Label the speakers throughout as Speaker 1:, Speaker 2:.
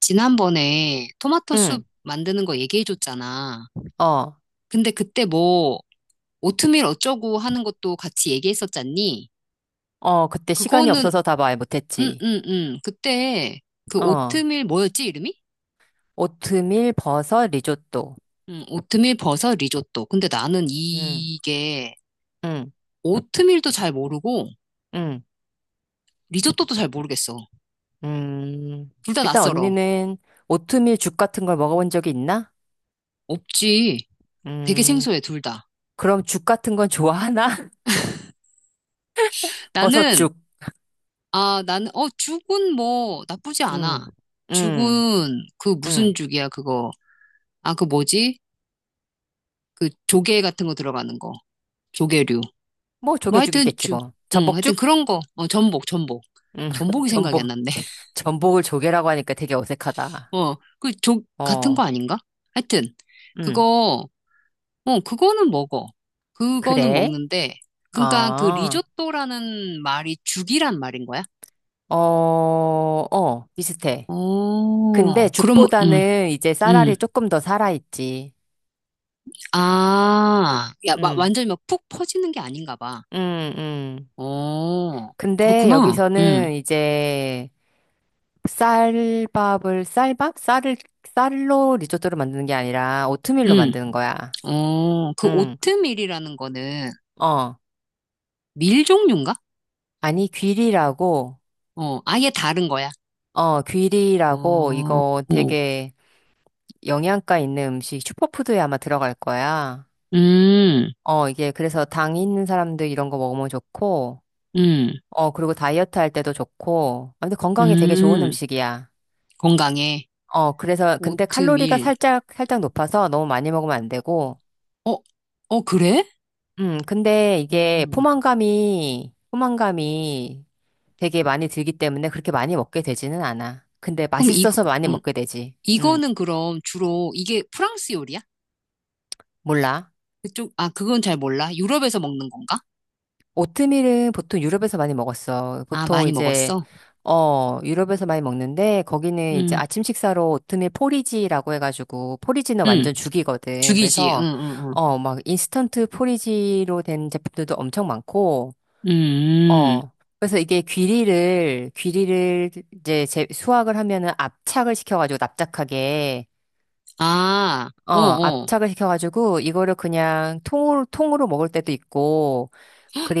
Speaker 1: 지난번에 토마토 soup
Speaker 2: 응,
Speaker 1: 만드는 거 얘기해줬잖아.
Speaker 2: 어,
Speaker 1: 근데 그때 뭐, 오트밀 어쩌고 하는 것도 같이 얘기했었잖니?
Speaker 2: 그때 시간이
Speaker 1: 그거는,
Speaker 2: 없어서 다 말
Speaker 1: 응,
Speaker 2: 못했지.
Speaker 1: 응, 응. 그때 그
Speaker 2: 어,
Speaker 1: 오트밀 뭐였지, 이름이?
Speaker 2: 오트밀, 버섯, 리조또.
Speaker 1: 응, 오트밀 버섯 리조또. 근데 나는
Speaker 2: 응,
Speaker 1: 이게
Speaker 2: 응,
Speaker 1: 오트밀도 잘 모르고
Speaker 2: 응,
Speaker 1: 리조또도 잘 모르겠어.
Speaker 2: 음.
Speaker 1: 둘 다
Speaker 2: 일단
Speaker 1: 낯설어.
Speaker 2: 언니는 오트밀 죽 같은 걸 먹어본 적이 있나?
Speaker 1: 없지. 되게
Speaker 2: 음,
Speaker 1: 생소해, 둘 다.
Speaker 2: 그럼 죽 같은 건 좋아하나?
Speaker 1: 나는,
Speaker 2: 버섯죽.
Speaker 1: 나는, 어, 죽은 뭐, 나쁘지
Speaker 2: 응,
Speaker 1: 않아.
Speaker 2: 응,
Speaker 1: 죽은, 그 무슨
Speaker 2: 응.
Speaker 1: 죽이야, 그거. 아, 그 뭐지? 그 조개 같은 거 들어가는 거. 조개류.
Speaker 2: 뭐
Speaker 1: 뭐 하여튼
Speaker 2: 조개죽이겠지 뭐.
Speaker 1: 응, 하여튼
Speaker 2: 전복죽?
Speaker 1: 그런 거. 어, 전복, 전복.
Speaker 2: 응,
Speaker 1: 전복이 생각이 안
Speaker 2: 전복.
Speaker 1: 났네.
Speaker 2: 전복을 조개라고 하니까 되게 어색하다.
Speaker 1: 어, 그 같은
Speaker 2: 어,
Speaker 1: 거 아닌가? 하여튼,
Speaker 2: 응,
Speaker 1: 그거, 어, 그거는 먹어. 그거는
Speaker 2: 그래?
Speaker 1: 먹는데, 그러니까 그
Speaker 2: 아.
Speaker 1: 리조또라는 말이 죽이란 말인 거야?
Speaker 2: 비슷해. 근데
Speaker 1: 어, 그럼, 응,
Speaker 2: 죽보다는 이제
Speaker 1: 응.
Speaker 2: 쌀알이 조금 더 살아있지.
Speaker 1: 아, 야,
Speaker 2: 응,
Speaker 1: 완전히 막 푹 퍼지는 게 아닌가 봐.
Speaker 2: 응, 응.
Speaker 1: 어,
Speaker 2: 근데
Speaker 1: 그렇구나. 응.
Speaker 2: 여기서는 이제 쌀밥을, 쌀밥? 쌀을, 쌀로 리조또를 만드는 게 아니라 오트밀로
Speaker 1: 응.
Speaker 2: 만드는 거야.
Speaker 1: 어, 그
Speaker 2: 응,
Speaker 1: 오트밀이라는 거는
Speaker 2: 어.
Speaker 1: 밀 종류인가?
Speaker 2: 아니, 귀리라고,
Speaker 1: 어, 아예 다른 거야.
Speaker 2: 어, 귀리라고
Speaker 1: 어,
Speaker 2: 이거
Speaker 1: 어.
Speaker 2: 되게 영양가 있는 음식, 슈퍼푸드에 아마 들어갈 거야.
Speaker 1: 음,
Speaker 2: 어, 이게 그래서 당 있는 사람들 이런 거 먹으면 좋고,
Speaker 1: 음,
Speaker 2: 어, 그리고 다이어트 할 때도 좋고. 아, 근데 건강에 되게 좋은
Speaker 1: 음.
Speaker 2: 음식이야.
Speaker 1: 건강에
Speaker 2: 그래서, 근데 칼로리가
Speaker 1: 오트밀.
Speaker 2: 살짝 높아서 너무 많이 먹으면 안 되고.
Speaker 1: 어, 어, 그래?
Speaker 2: 근데 이게
Speaker 1: 음.
Speaker 2: 포만감이 되게 많이 들기 때문에 그렇게 많이 먹게 되지는 않아. 근데
Speaker 1: 그럼 이,
Speaker 2: 맛있어서 많이
Speaker 1: 어,
Speaker 2: 먹게 되지.
Speaker 1: 이거는 그럼 주로 이게 프랑스 요리야?
Speaker 2: 몰라.
Speaker 1: 아, 그건 잘 몰라. 유럽에서 먹는 건가?
Speaker 2: 오트밀은 보통 유럽에서 많이 먹었어.
Speaker 1: 아,
Speaker 2: 보통
Speaker 1: 많이
Speaker 2: 이제,
Speaker 1: 먹었어.
Speaker 2: 어, 유럽에서 많이 먹는데, 거기는 이제
Speaker 1: 음,
Speaker 2: 아침 식사로 오트밀 포리지라고 해가지고, 포리지는
Speaker 1: 음.
Speaker 2: 완전 죽이거든.
Speaker 1: 죽이지. 응,
Speaker 2: 그래서,
Speaker 1: 응,
Speaker 2: 어, 막 인스턴트 포리지로 된 제품들도 엄청 많고,
Speaker 1: 응. 음.
Speaker 2: 어, 그래서 이게 귀리를 이제 제, 수확을 하면은 압착을 시켜가지고, 납작하게,
Speaker 1: 아, 어,
Speaker 2: 어,
Speaker 1: 어.
Speaker 2: 압착을 시켜가지고, 이거를 그냥 통으로 먹을 때도 있고,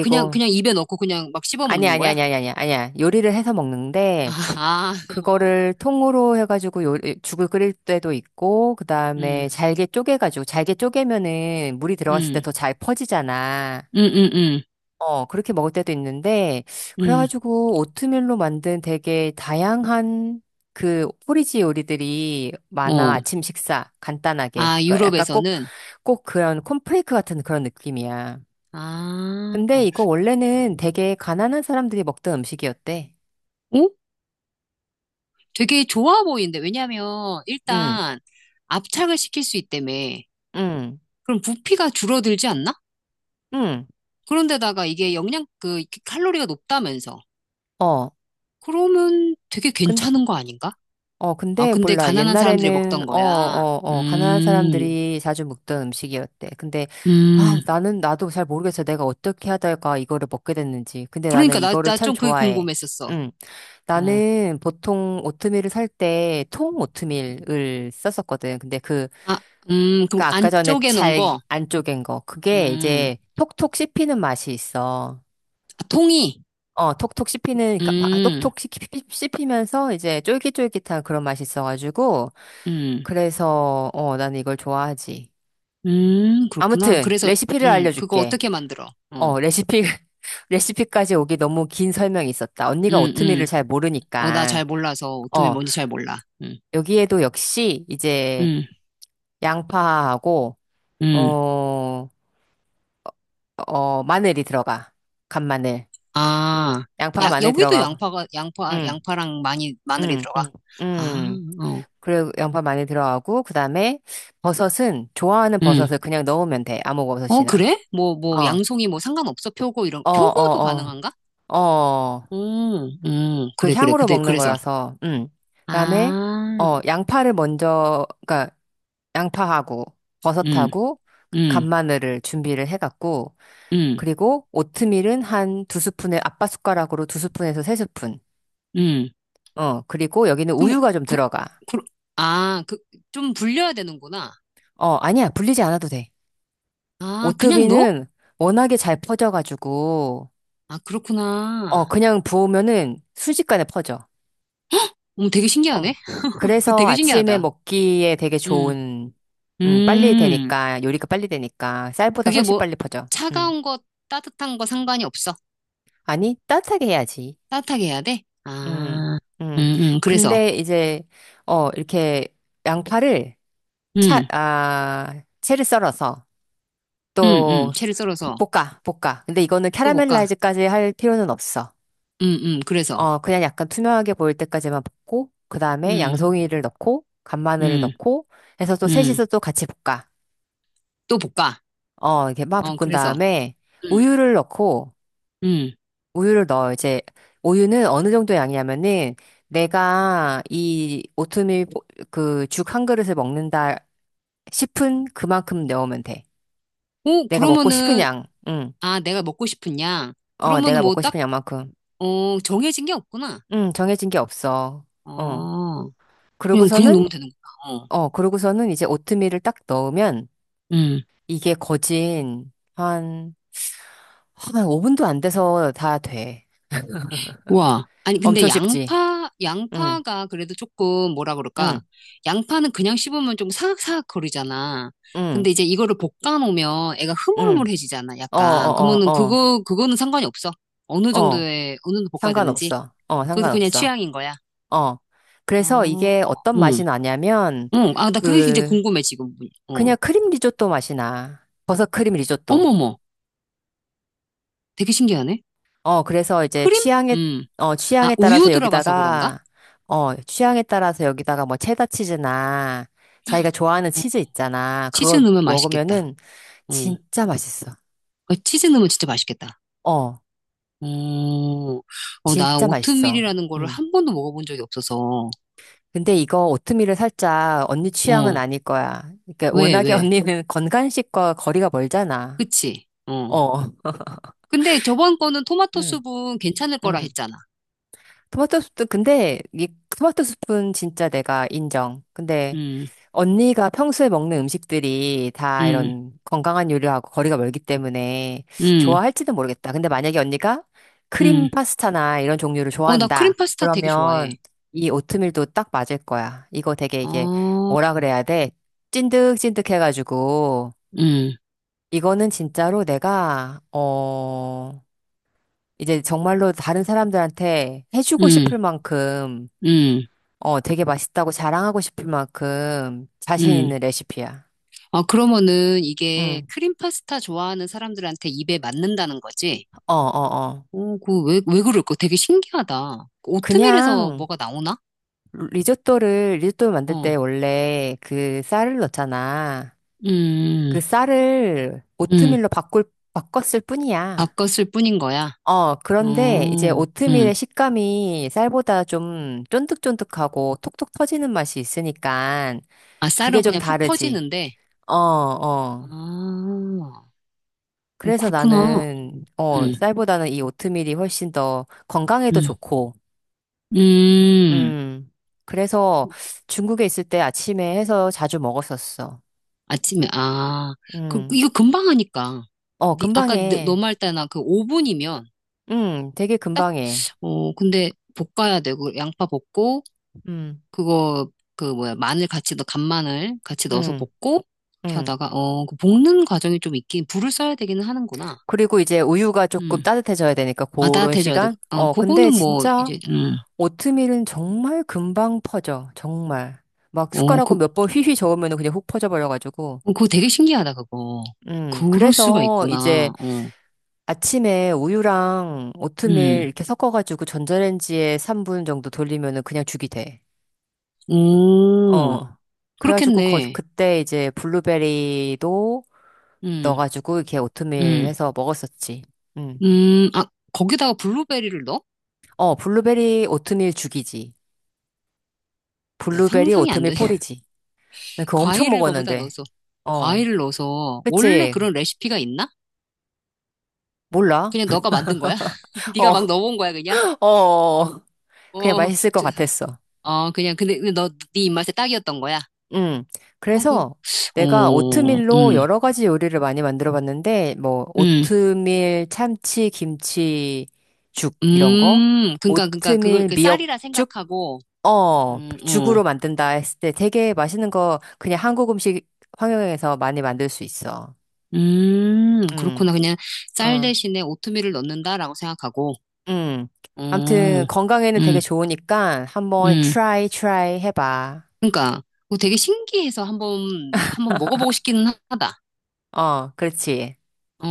Speaker 1: 그냥, 그냥 입에 넣고 그냥 막 씹어 먹는 거야?
Speaker 2: 아니야. 요리를 해서
Speaker 1: 아,
Speaker 2: 먹는데,
Speaker 1: 아, 어.
Speaker 2: 그거를 통으로 해가지고 요, 죽을 끓일 때도 있고, 그
Speaker 1: 음,
Speaker 2: 다음에 잘게 쪼개가지고, 잘게 쪼개면은 물이 들어갔을 때
Speaker 1: 음,
Speaker 2: 더 잘 퍼지잖아.
Speaker 1: 음, 음,
Speaker 2: 어, 그렇게 먹을 때도 있는데,
Speaker 1: 음,
Speaker 2: 그래가지고 오트밀로 만든 되게 다양한 그 포리지 요리들이 많아.
Speaker 1: 어.
Speaker 2: 아침 식사, 간단하게.
Speaker 1: 아, 유럽에서는?
Speaker 2: 꼭 그런 콘프레이크 같은 그런 느낌이야. 근데
Speaker 1: 아,
Speaker 2: 이거 원래는 되게 가난한 사람들이 먹던 음식이었대.
Speaker 1: 어? 되게 좋아 보이는데. 왜냐면,
Speaker 2: 응.
Speaker 1: 일단, 압착을 시킬 수 있다며.
Speaker 2: 응,
Speaker 1: 그럼 부피가 줄어들지 않나?
Speaker 2: 응,
Speaker 1: 그런데다가 이게 칼로리가 높다면서.
Speaker 2: 어.
Speaker 1: 그러면 되게
Speaker 2: 근,
Speaker 1: 괜찮은 거 아닌가? 아,
Speaker 2: 근데
Speaker 1: 근데
Speaker 2: 몰라.
Speaker 1: 가난한 사람들이
Speaker 2: 옛날에는,
Speaker 1: 먹던 거야.
Speaker 2: 가난한
Speaker 1: 음,
Speaker 2: 사람들이 자주 먹던 음식이었대. 근데,
Speaker 1: 음.
Speaker 2: 나도 잘 모르겠어. 내가 어떻게 하다가 이거를 먹게 됐는지. 근데 나는
Speaker 1: 그러니까 나,
Speaker 2: 이거를
Speaker 1: 나
Speaker 2: 참
Speaker 1: 좀 그게
Speaker 2: 좋아해.
Speaker 1: 궁금했었어.
Speaker 2: 응.
Speaker 1: 어.
Speaker 2: 나는 보통 오트밀을 살 때 통 오트밀을 썼었거든.
Speaker 1: 아, 그럼
Speaker 2: 그 아까 전에
Speaker 1: 안쪽에 놓은
Speaker 2: 잘
Speaker 1: 거,
Speaker 2: 안 쪼갠 거. 그게
Speaker 1: 음,
Speaker 2: 이제 톡톡 씹히는 맛이 있어.
Speaker 1: 아, 통이,
Speaker 2: 어, 톡톡 씹히는, 그러니까 막 아,
Speaker 1: 음,
Speaker 2: 씹히면서 이제 쫄깃쫄깃한 그런 맛이 있어가지고,
Speaker 1: 음,
Speaker 2: 그래서, 어, 나는 이걸 좋아하지.
Speaker 1: 그렇구나.
Speaker 2: 아무튼,
Speaker 1: 그래서,
Speaker 2: 레시피를
Speaker 1: 그거
Speaker 2: 알려줄게.
Speaker 1: 어떻게 만들어? 어,
Speaker 2: 어, 레시피, 레시피까지 오기 너무 긴 설명이 있었다. 언니가
Speaker 1: 음,
Speaker 2: 오트밀을
Speaker 1: 음,
Speaker 2: 잘
Speaker 1: 어, 나
Speaker 2: 모르니까,
Speaker 1: 잘 몰라서 오트밀
Speaker 2: 어,
Speaker 1: 뭔지 잘 몰라.
Speaker 2: 여기에도 역시 이제
Speaker 1: 음,
Speaker 2: 양파하고, 어,
Speaker 1: 음,
Speaker 2: 마늘이 들어가. 간마늘.
Speaker 1: 아,
Speaker 2: 양파,
Speaker 1: 야,
Speaker 2: 마늘
Speaker 1: 여기도
Speaker 2: 들어가고, 응,
Speaker 1: 양파랑 많이, 마늘이
Speaker 2: 응,
Speaker 1: 들어가.
Speaker 2: 응,
Speaker 1: 아,
Speaker 2: 응.
Speaker 1: 어,
Speaker 2: 그리고 양파 많이 들어가고, 그 다음에 버섯은 좋아하는
Speaker 1: 음,
Speaker 2: 버섯을 그냥 넣으면 돼. 아무
Speaker 1: 어,
Speaker 2: 버섯이나.
Speaker 1: 그래?
Speaker 2: 어,
Speaker 1: 양송이 뭐 상관없어?
Speaker 2: 어,
Speaker 1: 표고도
Speaker 2: 어,
Speaker 1: 가능한가?
Speaker 2: 어. 그
Speaker 1: 그래, 그래,
Speaker 2: 향으로
Speaker 1: 그래,
Speaker 2: 먹는
Speaker 1: 그래서,
Speaker 2: 거여서, 그다음에, 어,
Speaker 1: 아,
Speaker 2: 양파하고,
Speaker 1: 음,
Speaker 2: 버섯하고,
Speaker 1: 음.
Speaker 2: 간마늘을 준비를 해갖고,
Speaker 1: 응,
Speaker 2: 그리고 오트밀은 한 두 스푼에, 아빠 숟가락으로 두 스푼에서 세 스푼.
Speaker 1: 응.
Speaker 2: 어, 그리고 여기는
Speaker 1: 그럼,
Speaker 2: 우유가 좀
Speaker 1: 그,
Speaker 2: 들어가.
Speaker 1: 그, 아, 그, 좀 불려야 되는구나.
Speaker 2: 어, 아니야. 불리지 않아도 돼.
Speaker 1: 아, 그냥 넣어?
Speaker 2: 오토비는 워낙에 잘 퍼져가지고,
Speaker 1: 아,
Speaker 2: 어,
Speaker 1: 그렇구나.
Speaker 2: 그냥 부으면은 순식간에 퍼져.
Speaker 1: 되게
Speaker 2: 어.
Speaker 1: 신기하네. 그
Speaker 2: 그래서
Speaker 1: 되게
Speaker 2: 아침에
Speaker 1: 신기하다.
Speaker 2: 먹기에 되게
Speaker 1: 음
Speaker 2: 좋은,
Speaker 1: 음.
Speaker 2: 요리가 빨리 되니까, 쌀보다
Speaker 1: 그게
Speaker 2: 훨씬
Speaker 1: 뭐,
Speaker 2: 빨리 퍼져. 음.
Speaker 1: 차가운 거, 따뜻한 거 상관이 없어.
Speaker 2: 아니, 따뜻하게 해야지.
Speaker 1: 따뜻하게 해야 돼?
Speaker 2: 음,
Speaker 1: 아, 응,
Speaker 2: 음.
Speaker 1: 응. 그래서,
Speaker 2: 근데 이제, 어, 이렇게 양파를
Speaker 1: 응,
Speaker 2: 채를 썰어서
Speaker 1: 응, 응.
Speaker 2: 또
Speaker 1: 채를 썰어서
Speaker 2: 볶아. 근데 이거는
Speaker 1: 또 볶아.
Speaker 2: 캐러멜라이즈까지 할 필요는 없어.
Speaker 1: 응, 응. 그래서,
Speaker 2: 어, 그냥 약간 투명하게 보일 때까지만 볶고, 그 다음에
Speaker 1: 응,
Speaker 2: 양송이를 넣고, 간마늘을
Speaker 1: 응,
Speaker 2: 넣고, 해서 또
Speaker 1: 응.
Speaker 2: 셋이서 또 같이 볶아.
Speaker 1: 또 볶아.
Speaker 2: 어, 이렇게 막
Speaker 1: 어,
Speaker 2: 볶은
Speaker 1: 그래서,
Speaker 2: 다음에,
Speaker 1: 응,
Speaker 2: 우유를 넣고,
Speaker 1: 응.
Speaker 2: 우유를 넣어. 이제, 우유는 어느 정도 양이냐면은, 내가 이 오트밀 그 죽 한 그릇을 먹는다 싶은 그만큼 넣으면 돼.
Speaker 1: 오,
Speaker 2: 내가 먹고 싶은
Speaker 1: 그러면은,
Speaker 2: 양, 응.
Speaker 1: 아, 내가 먹고 싶은 양.
Speaker 2: 어,
Speaker 1: 그러면은
Speaker 2: 내가
Speaker 1: 뭐
Speaker 2: 먹고
Speaker 1: 딱,
Speaker 2: 싶은 양만큼.
Speaker 1: 어, 정해진 게 없구나.
Speaker 2: 응, 정해진 게 없어. 어.
Speaker 1: 어, 그냥
Speaker 2: 그러고서는,
Speaker 1: 넣으면 되는구나. 어,
Speaker 2: 어, 그러고서는 이제 오트밀을 딱 넣으면,
Speaker 1: 음,
Speaker 2: 이게 거진 한, 한 5분도 안 돼서 다 돼.
Speaker 1: 와. 아니, 근데
Speaker 2: 엄청 쉽지? 응,
Speaker 1: 양파가 그래도 조금 뭐라 그럴까.
Speaker 2: 응,
Speaker 1: 양파는 그냥 씹으면 좀 사각사각 거리잖아.
Speaker 2: 응,
Speaker 1: 근데 이제 이거를 볶아 놓으면 애가
Speaker 2: 응.
Speaker 1: 흐물흐물해지잖아,
Speaker 2: 어,
Speaker 1: 약간.
Speaker 2: 어,
Speaker 1: 그러면은
Speaker 2: 어,
Speaker 1: 그거는 상관이 없어.
Speaker 2: 어.
Speaker 1: 어느 정도 볶아야 되는지.
Speaker 2: 상관없어. 어,
Speaker 1: 그것도 그냥
Speaker 2: 상관없어.
Speaker 1: 취향인 거야.
Speaker 2: 어. 그래서
Speaker 1: 어,
Speaker 2: 이게 어떤
Speaker 1: 응,
Speaker 2: 맛이 나냐면,
Speaker 1: 응. 아, 나 그게 진짜
Speaker 2: 그,
Speaker 1: 궁금해, 지금. 어.
Speaker 2: 그냥 크림 리조또 맛이 나. 버섯 크림 리조또.
Speaker 1: 어머머. 되게 신기하네.
Speaker 2: 어, 그래서 이제
Speaker 1: 크림?
Speaker 2: 취향에,
Speaker 1: 음.
Speaker 2: 어,
Speaker 1: 아,
Speaker 2: 취향에
Speaker 1: 우유
Speaker 2: 따라서
Speaker 1: 들어가서 그런가?
Speaker 2: 여기다가, 어, 취향에 따라서 여기다가 뭐 체다 치즈나, 자기가 좋아하는
Speaker 1: 어,
Speaker 2: 치즈 있잖아.
Speaker 1: 치즈
Speaker 2: 그거
Speaker 1: 넣으면 맛있겠다.
Speaker 2: 먹으면은
Speaker 1: 어.
Speaker 2: 진짜 맛있어.
Speaker 1: 어, 치즈 넣으면 진짜 맛있겠다.
Speaker 2: 어,
Speaker 1: 어, 어, 나
Speaker 2: 진짜 맛있어.
Speaker 1: 오트밀이라는 거를
Speaker 2: 음.
Speaker 1: 한 번도 먹어본 적이 없어서.
Speaker 2: 근데 이거 오트밀을 살짝 언니 취향은
Speaker 1: 어,
Speaker 2: 아닐 거야. 그러니까
Speaker 1: 왜,
Speaker 2: 워낙에
Speaker 1: 왜?
Speaker 2: 언니는 건강식과 거리가 멀잖아.
Speaker 1: 그치? 어.
Speaker 2: 어.
Speaker 1: 근데 저번 거는 토마토
Speaker 2: 음,
Speaker 1: 수분 괜찮을 거라
Speaker 2: 음.
Speaker 1: 했잖아.
Speaker 2: 토마토 수프, 근데 이 토마토 수프는 진짜 내가 인정. 근데
Speaker 1: 음,
Speaker 2: 언니가 평소에 먹는 음식들이 다
Speaker 1: 음,
Speaker 2: 이런 건강한 요리하고 거리가 멀기 때문에
Speaker 1: 음,
Speaker 2: 좋아할지는 모르겠다. 근데 만약에 언니가
Speaker 1: 음.
Speaker 2: 크림 파스타나 이런 종류를
Speaker 1: 어, 나 크림
Speaker 2: 좋아한다.
Speaker 1: 파스타 되게 좋아해.
Speaker 2: 그러면 이 오트밀도 딱 맞을 거야. 이거 되게 이게
Speaker 1: 어,
Speaker 2: 뭐라 그래야 돼? 찐득찐득 해가지고
Speaker 1: 음,
Speaker 2: 이거는 진짜로 내가 어 이제 정말로 다른 사람들한테 해주고
Speaker 1: 음,
Speaker 2: 싶을 만큼
Speaker 1: 음,
Speaker 2: 어 되게 맛있다고 자랑하고 싶을 만큼 자신
Speaker 1: 음.
Speaker 2: 있는 레시피야.
Speaker 1: 아, 그러면은 이게
Speaker 2: 응.
Speaker 1: 크림 파스타 좋아하는 사람들한테 입에 맞는다는 거지?
Speaker 2: 어.
Speaker 1: 어, 왜, 왜 그럴까? 되게 신기하다. 그 오트밀에서
Speaker 2: 그냥
Speaker 1: 뭐가 나오나?
Speaker 2: 리조또 만들
Speaker 1: 어,
Speaker 2: 때 원래 그 쌀을 넣잖아.
Speaker 1: 음,
Speaker 2: 그 쌀을
Speaker 1: 음, 음.
Speaker 2: 바꿨을 뿐이야.
Speaker 1: 바꿨을 뿐인 거야.
Speaker 2: 어, 그런데 이제
Speaker 1: 어, 음.
Speaker 2: 오트밀의 식감이 쌀보다 좀 쫀득쫀득하고 톡톡 터지는 맛이 있으니까
Speaker 1: 아,
Speaker 2: 그게
Speaker 1: 쌀은
Speaker 2: 좀
Speaker 1: 그냥 푹
Speaker 2: 다르지.
Speaker 1: 퍼지는데.
Speaker 2: 어, 어.
Speaker 1: 아, 어,
Speaker 2: 그래서
Speaker 1: 그렇구나.
Speaker 2: 나는, 어,
Speaker 1: 음,
Speaker 2: 쌀보다는 이 오트밀이 훨씬 더 건강에도
Speaker 1: 음,
Speaker 2: 좋고,
Speaker 1: 음.
Speaker 2: 음. 그래서 중국에 있을 때 아침에 해서 자주 먹었었어.
Speaker 1: 아침에, 그
Speaker 2: 음.
Speaker 1: 이거 금방 하니까.
Speaker 2: 어, 금방
Speaker 1: 아까 너
Speaker 2: 해.
Speaker 1: 말 때나 그 5분이면
Speaker 2: 되게
Speaker 1: 딱,
Speaker 2: 금방 해.
Speaker 1: 어, 근데 볶아야 되고, 양파 볶고,
Speaker 2: 음,
Speaker 1: 그거 그 뭐야 마늘 같이 넣 간마늘 같이 넣어서
Speaker 2: 음,
Speaker 1: 볶고 이렇게
Speaker 2: 음.
Speaker 1: 하다가 어그 볶는 과정이 좀 있긴 불을 써야 되기는 하는구나.
Speaker 2: 그리고 이제 우유가 조금
Speaker 1: 음.
Speaker 2: 따뜻해져야 되니까
Speaker 1: 아
Speaker 2: 그런
Speaker 1: 따뜻해져야 돼.
Speaker 2: 시간?
Speaker 1: 어
Speaker 2: 어, 근데
Speaker 1: 그거는 뭐
Speaker 2: 진짜
Speaker 1: 이제
Speaker 2: 오트밀은 정말 금방 퍼져. 정말. 막 숟가락으로
Speaker 1: 어그
Speaker 2: 몇 번 휘휘 저으면 그냥 훅 퍼져버려가지고.
Speaker 1: 그거 되게 신기하다 그거. 그럴 수가
Speaker 2: 그래서 이제
Speaker 1: 있구나. 어.
Speaker 2: 아침에 우유랑 오트밀
Speaker 1: 음.
Speaker 2: 이렇게 섞어가지고 전자레인지에 3분 정도 돌리면은 그냥 죽이 돼.
Speaker 1: 오.
Speaker 2: 어. 그래가지고 거,
Speaker 1: 그렇겠네.
Speaker 2: 그때 이제 블루베리도
Speaker 1: 음.
Speaker 2: 넣어가지고 이렇게 오트밀
Speaker 1: 음.
Speaker 2: 해서 먹었었지. 응.
Speaker 1: 음. 아 거기다가 블루베리를 넣어?
Speaker 2: 어, 블루베리 오트밀 죽이지.
Speaker 1: 야
Speaker 2: 블루베리
Speaker 1: 상상이 안
Speaker 2: 오트밀
Speaker 1: 되네.
Speaker 2: 폴이지. 나 그거 엄청
Speaker 1: 과일을 거기다
Speaker 2: 먹었는데.
Speaker 1: 넣어서
Speaker 2: 어.
Speaker 1: 과일을 넣어서 원래
Speaker 2: 그치?
Speaker 1: 그런 레시피가 있나?
Speaker 2: 몰라?
Speaker 1: 그냥 너가 만든 거야? 네가 막
Speaker 2: 어,
Speaker 1: 넣어본 거야, 그냥?
Speaker 2: 어. 그냥
Speaker 1: 어,
Speaker 2: 맛있을 것
Speaker 1: 저-
Speaker 2: 같았어.
Speaker 1: 어, 그냥, 근데 네 입맛에 딱이었던 거야?
Speaker 2: 음.
Speaker 1: 어,
Speaker 2: 그래서 내가
Speaker 1: 어,
Speaker 2: 오트밀로
Speaker 1: 음,
Speaker 2: 여러 가지 요리를 많이 만들어 봤는데, 뭐,
Speaker 1: 음,
Speaker 2: 오트밀, 참치, 김치, 죽, 이런 거.
Speaker 1: 그니까,
Speaker 2: 오트밀,
Speaker 1: 그 쌀이라
Speaker 2: 미역죽?
Speaker 1: 생각하고,
Speaker 2: 어,
Speaker 1: 어,
Speaker 2: 죽으로 만든다 했을 때 되게 맛있는 거 그냥 한국 음식 환경에서 많이 만들 수 있어. 음,
Speaker 1: 그렇구나. 그냥 쌀
Speaker 2: 어,
Speaker 1: 대신에 오트밀을 넣는다라고 생각하고,
Speaker 2: 음. 아무튼
Speaker 1: 어,
Speaker 2: 건강에는 되게
Speaker 1: 음,
Speaker 2: 좋으니까 한번
Speaker 1: 음,
Speaker 2: try 해봐.
Speaker 1: 그니까, 뭐 되게 신기해서 한번, 한번 먹어보고 싶기는 하다.
Speaker 2: 어, 그렇지.
Speaker 1: 어.